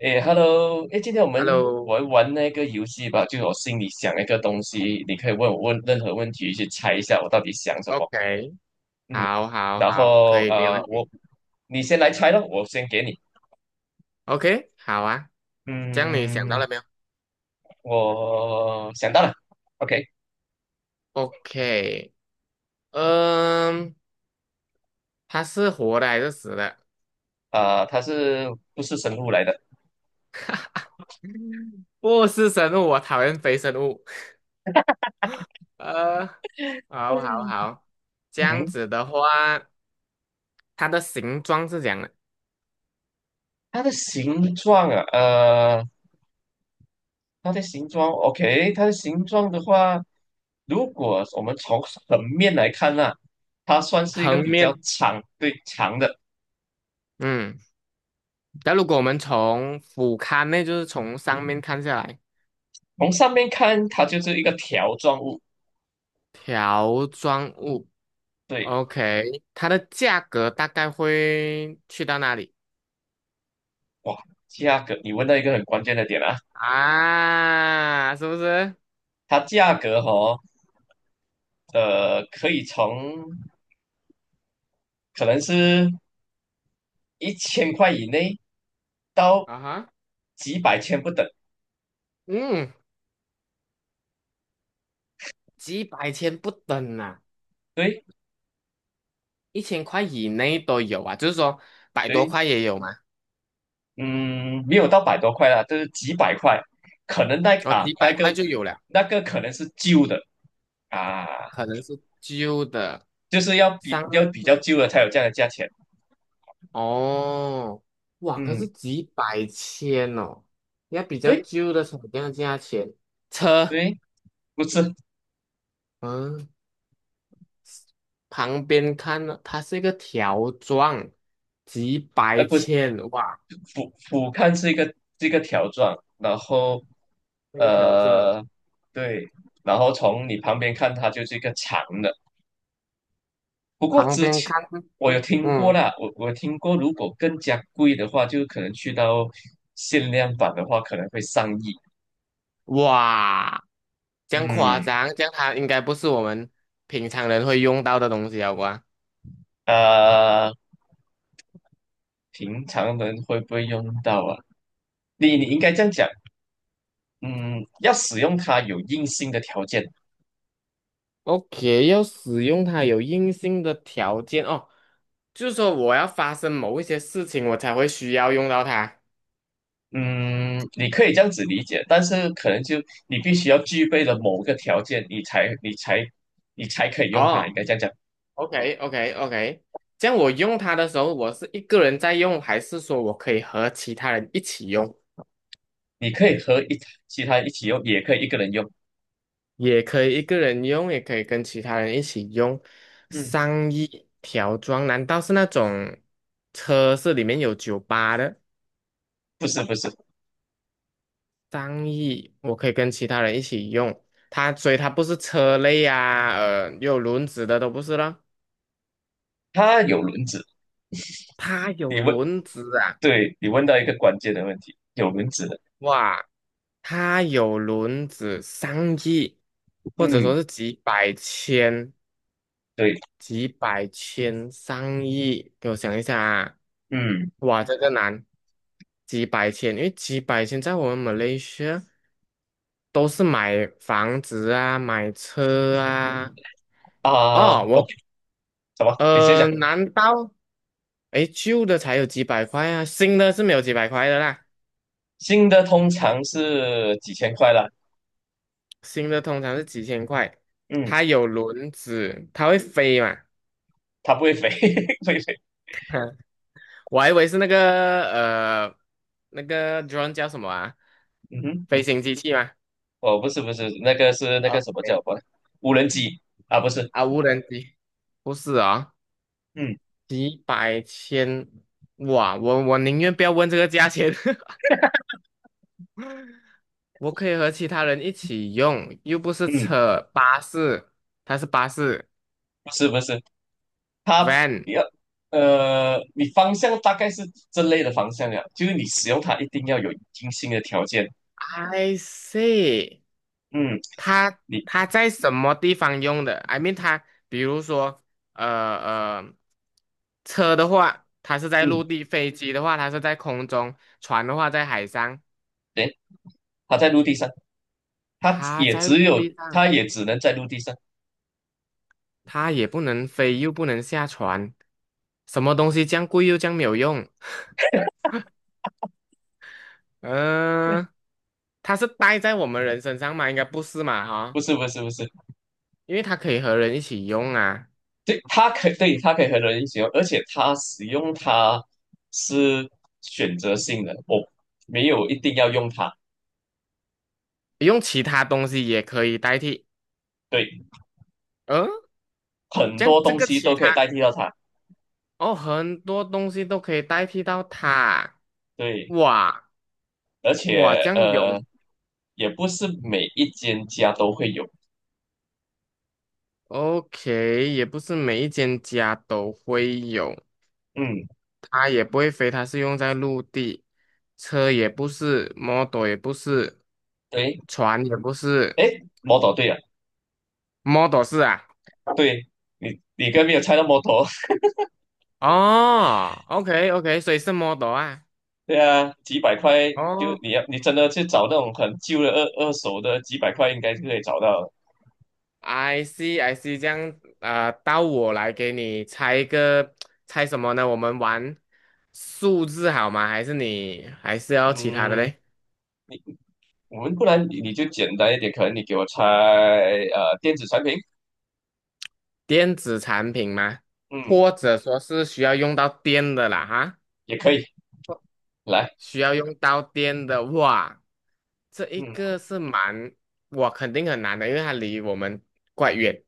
诶 h e l l o 诶，今天我们 Hello，OK，玩玩那个游戏吧，就是我心里想一个东西，你可以问我问任何问题，去猜一下我到底想什么。嗯，好，好，然好，可后以，没问题。你先来猜咯，我先给你。OK，好啊，这样你想到嗯，了没有我想到了，OK，？OK，嗯，它是活的还是死的？啊、它是不是生物来的？嗯不是生物，我讨厌非生物。呃，好，好，好，这样嗯，子的话，它的形状是这样的，它的形状啊，它的形状，OK，它的形状的话，如果我们从横面来看呢、它算是一个横比较面，长，对，长的。嗯，但如果我们从俯瞰呢，就是从上面看下来，从上面看，它就是一个条状物。条状物。对，OK，它的价格大概会去到哪里哇，价格，你问到一个很关键的点啊，啊？是不是？它价格哦，可以从可能是1000块以内到啊哈，几百千不等。嗯，几百千不等啊，对。1000块以内都有啊，就是说百多对，块也有嘛，嗯，没有到百多块啦，就是几百块，可能那哦，啊几那百块个就有了，那个可能是旧的啊，可能是旧的，就是上要面比是较旧的才有这样的价钱。哦，哇，可是嗯，几百千哦，要比较对旧的才有这样的价钱，车，对，不是嗯。旁边看呢，它是一个条状，几呃百不是千，哇，俯瞰是一个条状，然后那个条状，呃对，然后从你旁边看它就是一个长的。不过旁之边前看就我有是听过啦，我听过，如果更加贵的话，就可能去到限量版的话，可能会上亿。哇，这样夸嗯，张，这样它应该不是我们平常人会用到的东西啊，好吧呃，平常人会不会用到啊？你应该这样讲，嗯，要使用它有硬性的条件，？OK，要使用它有硬性的条件哦，就是说我要发生某一些事情，我才会需要用到它。嗯，你可以这样子理解，但是可能就你必须要具备了某个条件，你才可以用它，应哦。该这样讲，OK OK OK，这样我用它的时候，我是一个人在用，还是说我可以和其他人一起用？你可以和其他一起用，也可以一个人用，也可以一个人用，也可以跟其他人一起用。嗯，上衣条装，难道是那种车是里面有酒吧的？不是不是，上衣我可以跟其他人一起用，所以它不是车类啊，有轮子的都不是了。它有轮子，它有你问，轮子啊，对，你问到一个关键的问题，有轮子的，哇！它有轮子上亿，或者嗯，说是几百千、对，几百千、上亿。给我想一下啊，嗯哇，这个难，几百千，因为几百千在我们马来西亚都是买房子啊、买车啊。啊哦，，OK，什么？你先讲。难道诶旧的才有几百块啊？新的是没有几百块的啦，新的通常是几千块啦，新的通常是几千块。嗯，它有轮子，它会飞嘛？它不会飞，不会飞。我还以为是呃，那个 drone 叫什么啊？嗯哼，飞行机器吗？哦，不是不是，那个是那个啊，什么叫对什么无人机啊？不是，啊，无人机不是啊、嗯几百千，哇，我宁愿不要问这个价钱，我可以和其他人一起用，又不是嗯，车，巴士，它是巴士不是不是，，van。你要你方向大概是这类的方向呀，就是你使用它一定要有精心的条件。I see，嗯，它你它在什么地方用的？I mean，它比如说，呃呃，车的话，它是在嗯，陆地；飞机的话，它是在空中；船的话，在海上。对，它在陆地上，它它也在只陆有地上，它也只能在陆地上，它也不能飞，又不能下船，什么东西这样贵又这样没有用？嗯、它是戴在我们人身上吗？应该不是嘛，不哈，是不是不是。因为它可以和人一起用啊，对，它可以对，它可以和人一起用，而且它使用它是选择性的，我没有一定要用它。用其他东西也可以代替。对，嗯、很这样多这东个西其都可以他。代替到它。哦，很多东西都可以代替到它。对，哇而且哇，这样有 也不是每一间家都会有。OK，也不是每一间家都会有。嗯，它也不会飞，它是用在陆地，车也不是，model 也不是，对，船也不是诶，摩托对啊，，model 是啊。对，你刚没有猜到摩托，哦，OK OK，所以是 model 啊。对啊，几百块就哦 你真的去找那种很旧的二手的，几百块应该是可以找到的。 I see, I see，这样啊，到我来给你猜一个，猜什么呢？我们玩数字好吗？还是你还是要其他的嗯。嘞？我们不然你就简单一点，可能你给我猜电子产品，电子产品吗？嗯，或者说是需要用到电的啦，哈，也可以来，需要用到电的，话，这一嗯个是蛮，我肯定很难的，因为它离我们怪远。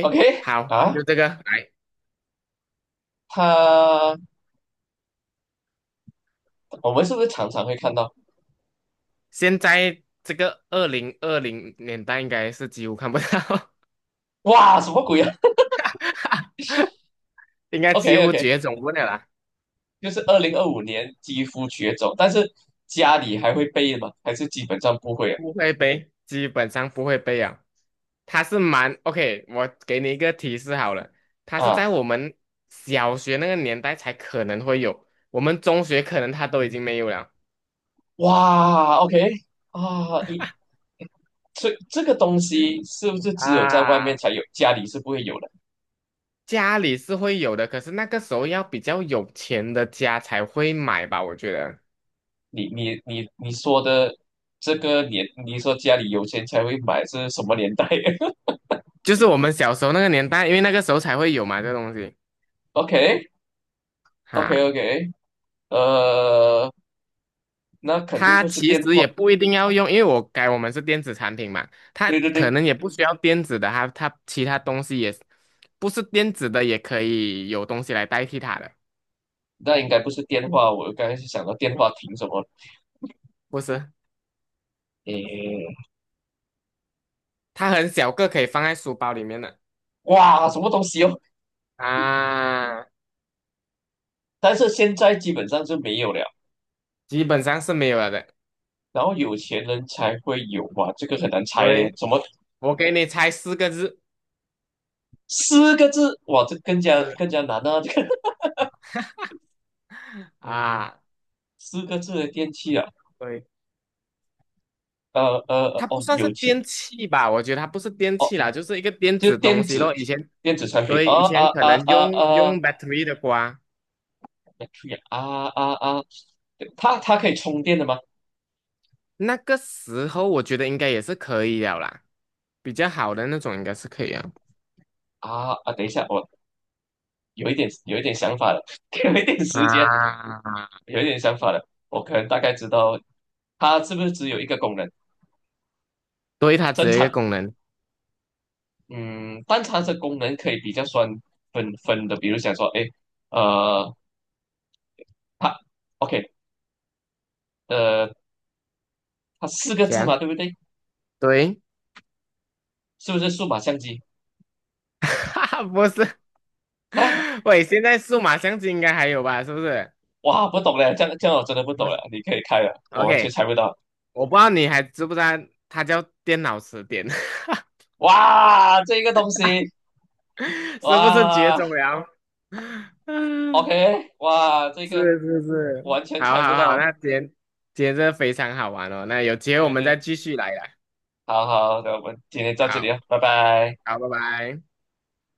，OK 好，啊，就这个来。它我们是不是常常会看到？现在这个2020年代应该是几乎看不到。哇，什么鬼啊 应该几？OK 乎 OK，绝种不了啦，就是2025年肌肤绝种，但是家里还会备吗？还是基本上不会啊？不会背，基本上不会背啊。它是蛮 OK，我给你一个提示好了，它是啊，在我们小学那个年代才可能会有，我们中学可能它都已经没有了哇，OK 啊，你这个东西是不是只有在外面啊。才有，家里是不会有的？家里是会有的，可是那个时候要比较有钱的家才会买吧，我觉得，你说的这个年，你说家里有钱才会买是什么年代 就是我们小时候那个年代，因为那个时候才会有嘛，这东西？OK OK 哈。OK，呃，那肯定它不是其电实话，也不一定要用，因为我改我们是电子产品嘛，它对对可对，能也不需要电子的，它其他东西也不是电子的，也可以有东西来代替它的，那应该不是电话。我刚才是想到电话亭什么，不是？诶，它很小个，可以放在书包里面的哇，什么东西哦？啊，但是现在基本上是没有了。基本上是没有了的。然后有钱人才会有哇，这个很难猜嘞，对，什么我给你猜四个字，四个字哇，这更加是更加难啊，这个 嗯，啊，四个字的电器啊，对，它不哦，算是有钱。电器吧？我觉得它不是电哦。器啦，就是一个电就子东电西子咯。以前电子产品，对，啊以前啊可啊能啊用啊 用 battery 的瓜。b a 啊啊啊啊，它可以充电的吗？那个时候我觉得应该也是可以了啦，比较好的那种应该是可以啊。等一下，我有一点想法了，给我一点啊，时间，有一点想法了，我可能大概知道它是不是只有一个功能，对，它只正有一常，个功能，嗯，但它这功能可以比较算分分的，比如想说，哎，呃，它 OK，呃，它四个这字嘛，样对不对？对，是不是数码相机 哈哈，不是，啊？喂，现在数码相机应该还有吧？是不是？哇，不懂嘞，这样我真的不不懂了，是你可以开了，我完全，OK，猜不到。我不知道你还知不知道，它叫电脑词典，哇，这个东西，是不是绝哇种了？嗯，，OK，哇，这个是是是，完全好猜不好好，到。那今天真的非常好玩哦，那有机会我对们再对，继续来啦。好好的，我们今天到这里好啊，拜拜。好，拜拜。